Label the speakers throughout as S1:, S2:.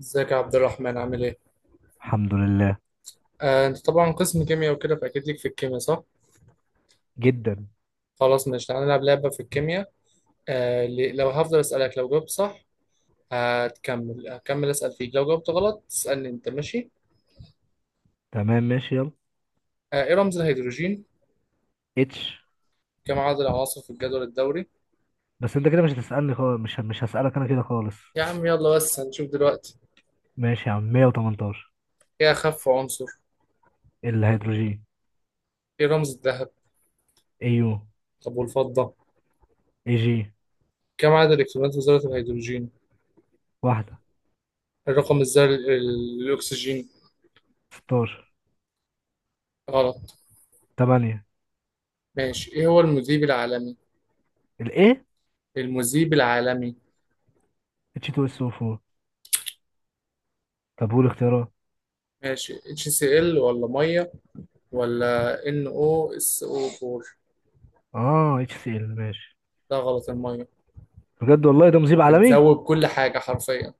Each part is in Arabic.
S1: ازيك يا عبد الرحمن عامل ايه؟
S2: الحمد لله.
S1: آه، انت طبعا قسم كيمياء وكده فاكيد ليك في الكيمياء صح؟
S2: جدا.
S1: خلاص ماشي تعالى نلعب لعبة في الكيمياء. آه، لو هفضل اسألك لو جاوبت صح هكمل اسأل فيك، لو جاوبت غلط تسألني انت، ماشي؟
S2: تمام ماشي يلا.
S1: آه، ايه رمز الهيدروجين؟
S2: اتش.
S1: كم عدد العناصر في الجدول الدوري؟
S2: بس انت كده مش هتسألني خالص مش هسألك انا كده خالص.
S1: يا عم يلا بس هنشوف دلوقتي.
S2: ماشي يا عم، 118.
S1: ايه اخف عنصر؟
S2: الهيدروجين.
S1: ايه رمز الذهب؟
S2: يو.
S1: طب والفضة؟
S2: اي جي.
S1: كم عدد الالكترونات في ذرة الهيدروجين؟
S2: واحدة.
S1: الرقم الذري الاكسجين.
S2: 16.
S1: غلط.
S2: 8.
S1: ماشي، ايه هو المذيب العالمي؟
S2: الايه؟
S1: المذيب العالمي.
S2: اتش 2 اس 4. طب قول اختيارات.
S1: ماشي، اتش سي ال ولا ميه ولا ان او اس او 4؟
S2: اه، اتش سي ال ماشي.
S1: ده غلط، الميه
S2: بجد والله ده مذيب عالمي؟
S1: بتذوب كل حاجه حرفيا.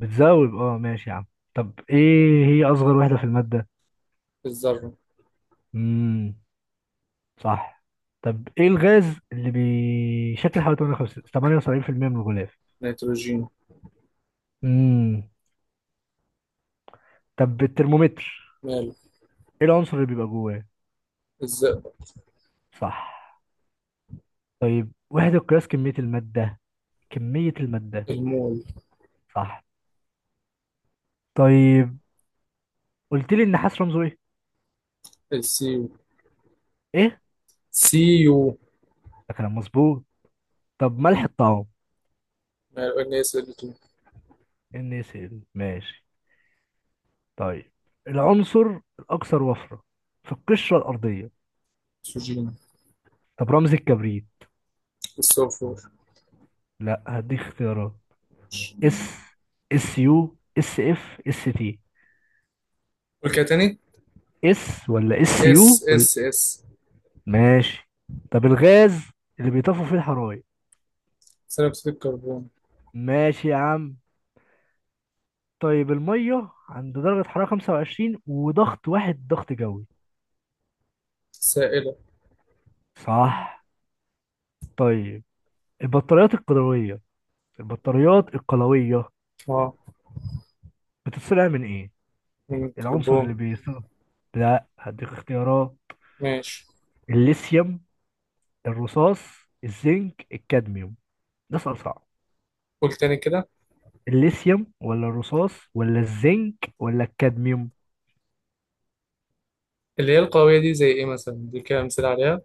S2: بتذوب. اه ماشي يا عم. طب ايه هي اصغر وحدة في المادة؟
S1: الذره.
S2: امم صح. طب ايه الغاز اللي بيشكل حوالي 58 78% من الغلاف؟
S1: نيتروجين.
S2: امم طب الترمومتر،
S1: ماله.
S2: ايه العنصر اللي بيبقى جواه؟
S1: الزئبق.
S2: صح. طيب وحدة قياس كمية المادة، كمية المادة.
S1: المول.
S2: صح. طيب قلت لي النحاس رمزه ايه؟
S1: السيو.
S2: ايه؟
S1: سيو.
S2: ده كلام مظبوط. طب ملح الطعام.
S1: ماله، ان اس ال 2.
S2: NaCl ماشي. طيب العنصر الاكثر وفرة في القشرة الارضية.
S1: اكسجين.
S2: طب رمز الكبريت.
S1: السلفور.
S2: لا، هديك اختيارات. اس، اس يو، اس اف، اس تي.
S1: قول كده تاني،
S2: اس ولا اس
S1: اس
S2: يو
S1: اس
S2: ولا.
S1: اس.
S2: ماشي. طب الغاز اللي بيطفوا فيه الحرايق.
S1: ثاني اكسيد الكربون.
S2: ماشي يا عم. طيب المية عند درجة حرارة 25 وضغط واحد ضغط جوي.
S1: سائله.
S2: صح. طيب البطاريات القلوية، البطاريات القلوية
S1: اه،
S2: بتتصنع من ايه؟
S1: من
S2: العنصر اللي
S1: الكربون.
S2: بيصنع. لا، هديك اختيارات.
S1: ماشي.
S2: الليثيوم، الرصاص، الزنك، الكادميوم. ده سؤال صعب.
S1: قول تاني كده.
S2: الليثيوم ولا الرصاص ولا الزنك ولا الكادميوم؟
S1: اللي هي القويه دي زي ايه مثلا، دي كده امثله عليها.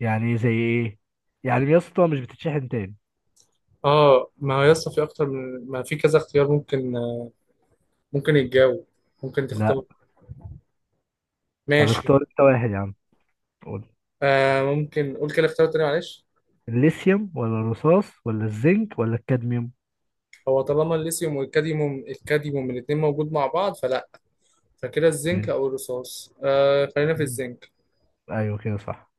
S2: يعني زي ايه؟ يعني يا اسطى مش بتتشحن تاني.
S1: اه ما هو يسطا في اكتر من ما في كذا اختيار ممكن، ممكن يتجاوب، ممكن
S2: لا.
S1: تختار.
S2: طب
S1: ماشي.
S2: اختار انت واحد يا عم.
S1: آه، ممكن قول كده اختيار تاني معلش.
S2: الليثيوم ولا الرصاص ولا الزنك ولا الكادميوم؟
S1: هو طالما الليثيوم والكاديوم، الكاديوم من الاتنين موجود مع بعض فلا، فكده الزنك
S2: ماشي.
S1: او الرصاص. آه خلينا في
S2: مم.
S1: الزنك.
S2: ايوه كده، صح.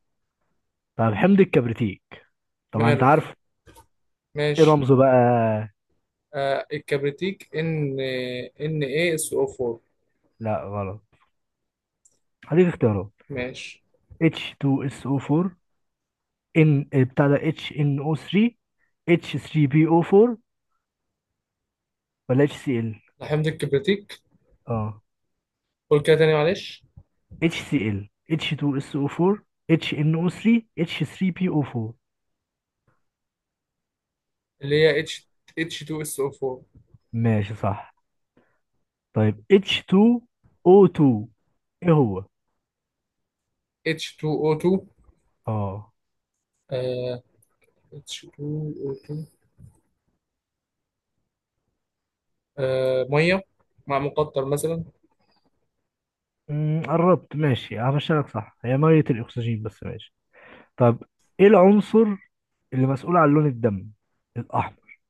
S2: طب حمض الكبريتيك، طبعا انت
S1: ماله.
S2: عارف. ايه
S1: ماشي.
S2: رمزه بقى؟
S1: آه، الكبريتيك ان، ان ايه اس او 4.
S2: لا غلط. هديك اختيارات.
S1: ماشي
S2: H2SO4، ان بتاع ده HNO3، H3PO4 ولا HCl؟
S1: لحمض الكبريتيك.
S2: اه،
S1: قول كده تاني معلش.
S2: HCl، H2SO4، HNO3، H3PO4.
S1: اللي هي اتش، اتش 2 اس او 4.
S2: ماشي صح. طيب H2O2 ايه هو؟
S1: اتش 2 او 2.
S2: اه
S1: اتش 2 او 2. آه، ميه مع مقطر مثلا.
S2: مم، قربت. ماشي همشي لك، صح. هي ميه الاكسجين، بس ماشي. طب ايه العنصر اللي مسؤول عن لون الدم الاحمر؟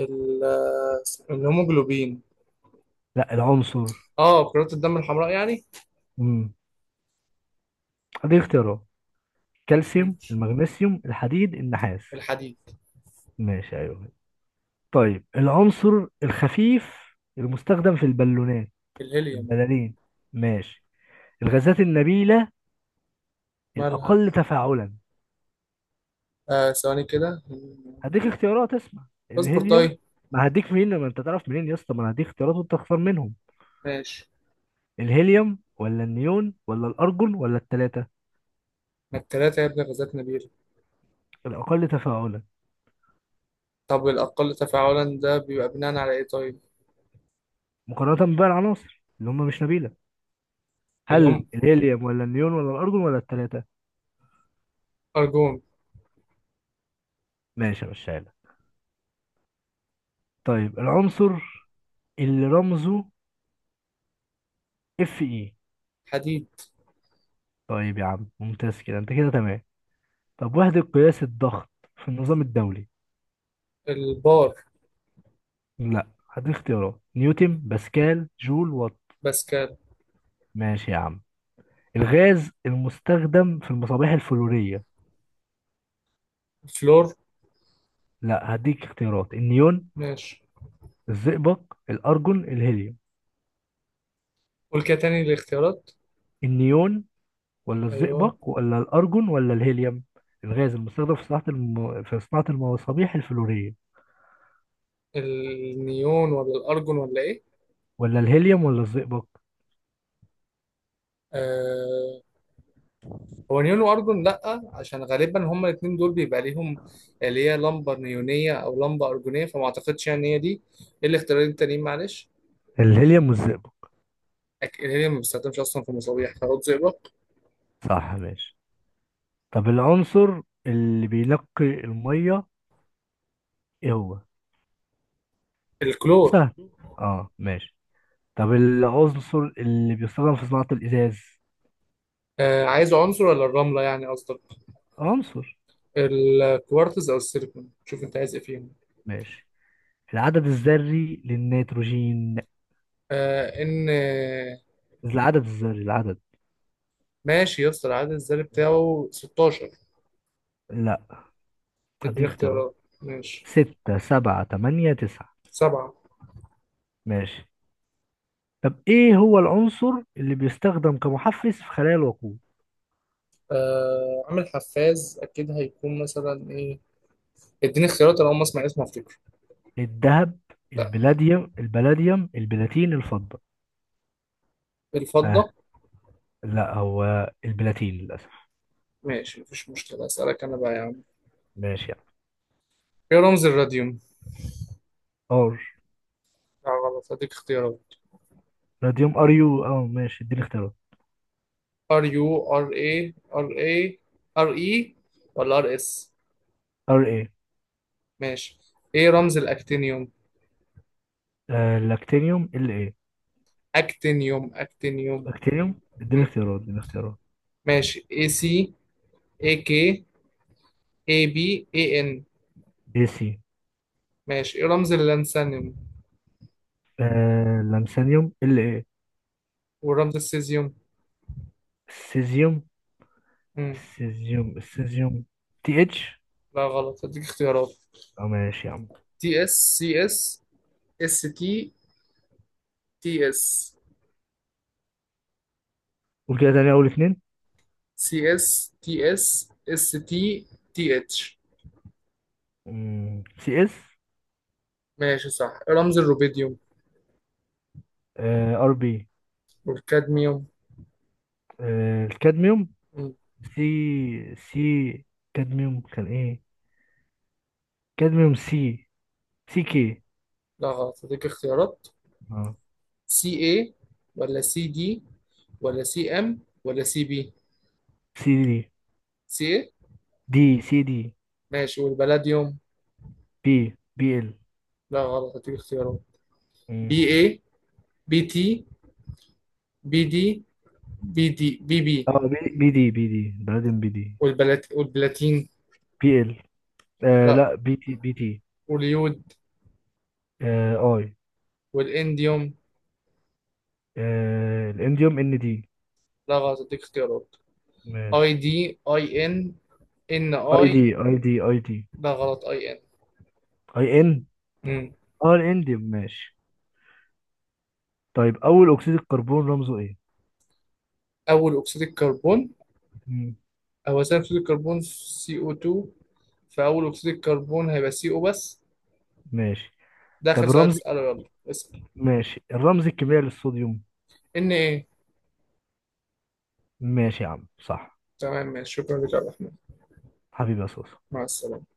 S1: ال- آه، الهيموجلوبين.
S2: لا، العنصر.
S1: اه كرات الدم الحمراء يعني.
S2: امم دي اختيارات،
S1: مم.
S2: كالسيوم، المغنيسيوم، الحديد، النحاس.
S1: الحديد.
S2: ماشي، ايوه. طيب العنصر الخفيف المستخدم في البالونات،
S1: الهيليوم.
S2: البلالين. ماشي. الغازات النبيله،
S1: مالها.
S2: الاقل تفاعلا.
S1: آه ثواني كده.
S2: هديك اختيارات، اسمع.
S1: اصبر
S2: الهيليوم.
S1: طيب.
S2: ما هديك منين؟ ما انت تعرف منين يا اسطى؟ ما انا هديك اختيارات وانت تختار منهم.
S1: ماشي.
S2: الهيليوم ولا النيون ولا الأرجون ولا التلاتة؟
S1: ما التلاتة يا ابن، غازات نبيل.
S2: الأقل تفاعلا،
S1: طب الأقل تفاعلا ده بيبقى بناء على إيه طيب؟
S2: مقارنة بقى العناصر اللي هم مش نبيلة.
S1: اللي
S2: هل
S1: هم
S2: الهيليوم ولا النيون ولا الأرجون ولا التلاتة؟
S1: أرجون.
S2: ماشي يا لك. طيب العنصر اللي رمزه اف اي.
S1: حديد.
S2: طيب يا عم، ممتاز كده، انت كده تمام. طب وحدة قياس الضغط في النظام الدولي.
S1: البار.
S2: لا، هدي اختيارات، نيوتن، باسكال، جول، وات.
S1: باسكال.
S2: ماشي يا عم. الغاز المستخدم في المصابيح الفلورية.
S1: الفلور.
S2: لا، هديك اختيارات، النيون،
S1: ماشي،
S2: الزئبق، الأرجون، الهيليوم.
S1: قول كده تاني الاختيارات.
S2: النيون ولا
S1: أيوه.
S2: الزئبق ولا الأرجون ولا الهيليوم؟ الغاز المستخدم في صناعة الم... في صناعة المصابيح الفلورية.
S1: النيون ولا الأرجون ولا إيه؟
S2: ولا الهيليوم ولا الزئبق.
S1: آه، هو نيون واردون، لا عشان غالبا هما الاثنين دول بيبقى ليهم اللي هي لمبه نيونيه او لمبه ارجونيه، فما اعتقدش يعني هي دي. إيه الاختيارين التانيين معلش؟
S2: الهيليوم والزئبق.
S1: الهيليوم ما بيستخدمش اصلا في مصابيح، خلاط زئبق.
S2: صح ماشي. طب العنصر اللي بينقي المية، ايه هو؟
S1: الكلور.
S2: سهل. اه ماشي. طب العنصر اللي بيستخدم في صناعة الإزاز.
S1: آه عايز عنصر ولا الرمله يعني قصدك؟
S2: عنصر.
S1: الكوارتز او السيليكون، شوف انت عايز ايه فيهم.
S2: ماشي. العدد الذري للنيتروجين،
S1: آه ان.
S2: العدد الذري، العدد.
S1: ماشي يا اسطى، العدد الذري بتاعه 16.
S2: لا،
S1: اديني
S2: اديك اختيارات.
S1: اختيارات. ماشي،
S2: ستة، سبعة، تمانية، تسعة.
S1: سبعه.
S2: ماشي. طب إيه هو العنصر اللي بيستخدم كمحفز في خلايا الوقود؟
S1: آه عامل حفاز اكيد هيكون مثلا ايه، اديني اختيارات انا اول ما اسمع اسمه افتكر.
S2: الذهب،
S1: لا.
S2: البلاديوم، البلاديوم، البلاتين، الفضة. آه.
S1: بالفضة.
S2: لا، هو البلاتين للأسف.
S1: ماشي مفيش مشكلة، أسألك أنا بقى يا عم.
S2: ماشي يعني.
S1: إيه رمز الراديوم؟
S2: ار.
S1: لا غلط، هديك اختيارات.
S2: راديوم ار يو. اه ماشي، اديني اختيارات.
S1: ار يو، ار اي ار اي، ار اي ولا ار اس.
S2: ار ايه.
S1: ماشي. ايه رمز الاكتينيوم؟
S2: آه، لاكتينيوم ال ايه.
S1: اكتينيوم اكتينيوم.
S2: لاكتينيوم، اديني
S1: مم.
S2: اختيارات، اديني اختيارات.
S1: ماشي، اي سي، اي كي، اي بي، اي ان.
S2: اي سي.
S1: ماشي. ايه رمز اللانثانيوم
S2: آه، لامسانيوم ال ايه.
S1: ورمز السيزيوم؟
S2: السيزيوم،
S1: مم.
S2: السيزيوم، السيزيوم. تي اتش.
S1: لا غلط، هديك اختيارات.
S2: اه ماشي يا عم.
S1: تي اس، سي اس، اس تي، تي اس.
S2: قول كده تاني اول اتنين.
S1: سي اس، تي اس، اس تي، تي اتش.
S2: سي اس.
S1: ماشي صح. رمز الروبيديوم
S2: آه، ار بي.
S1: والكادميوم.
S2: آه، الكادميوم.
S1: مم.
S2: سي، سي، كادميوم كان ايه؟ كادميوم سي، سي كي.
S1: لا غلط، هديك اختيارات.
S2: اه،
S1: سي اي، ولا سي دي، ولا سي ام، ولا سي بي.
S2: سي دي،
S1: سي اي.
S2: دي سي دي.
S1: ماشي، والبلاديوم.
S2: بي، بي ال.
S1: لا غلط، هديك اختيارات. بي اي، بي تي، بي دي، بي دي بي بي.
S2: اه بي، بي دي، بي دي بعدين بي دي.
S1: والبلاتين.
S2: بي ال. آه
S1: لا.
S2: لا، بي تي بي تي.
S1: واليود.
S2: آه، اي.
S1: والانديوم.
S2: آه، الانديوم ان دي.
S1: لا غلط، هديك اختيارات.
S2: ماشي.
S1: اي دي، اي ان، ان
S2: اي
S1: اي.
S2: دي، اي دي، اي دي.
S1: لا غلط، اي ان.
S2: اي ان.
S1: مم.
S2: اه، الانديوم ماشي. طيب اول اكسيد الكربون رمزه ايه؟
S1: أول أكسيد الكربون.
S2: مم.
S1: هو ثاني أكسيد الكربون سي أو 2، فأول أكسيد الكربون هيبقى سي أو بس.
S2: ماشي.
S1: ده آخر
S2: طب
S1: سؤال
S2: الرمز.
S1: تسأله، يلا. اسأل.
S2: ماشي. الرمز الكيميائي للصوديوم.
S1: إن إيه.
S2: ماشي يا عم صح.
S1: تمام ماشي، شكرا لك يا عبد الرحمن.
S2: حبيبي يا صوص.
S1: مع السلامة.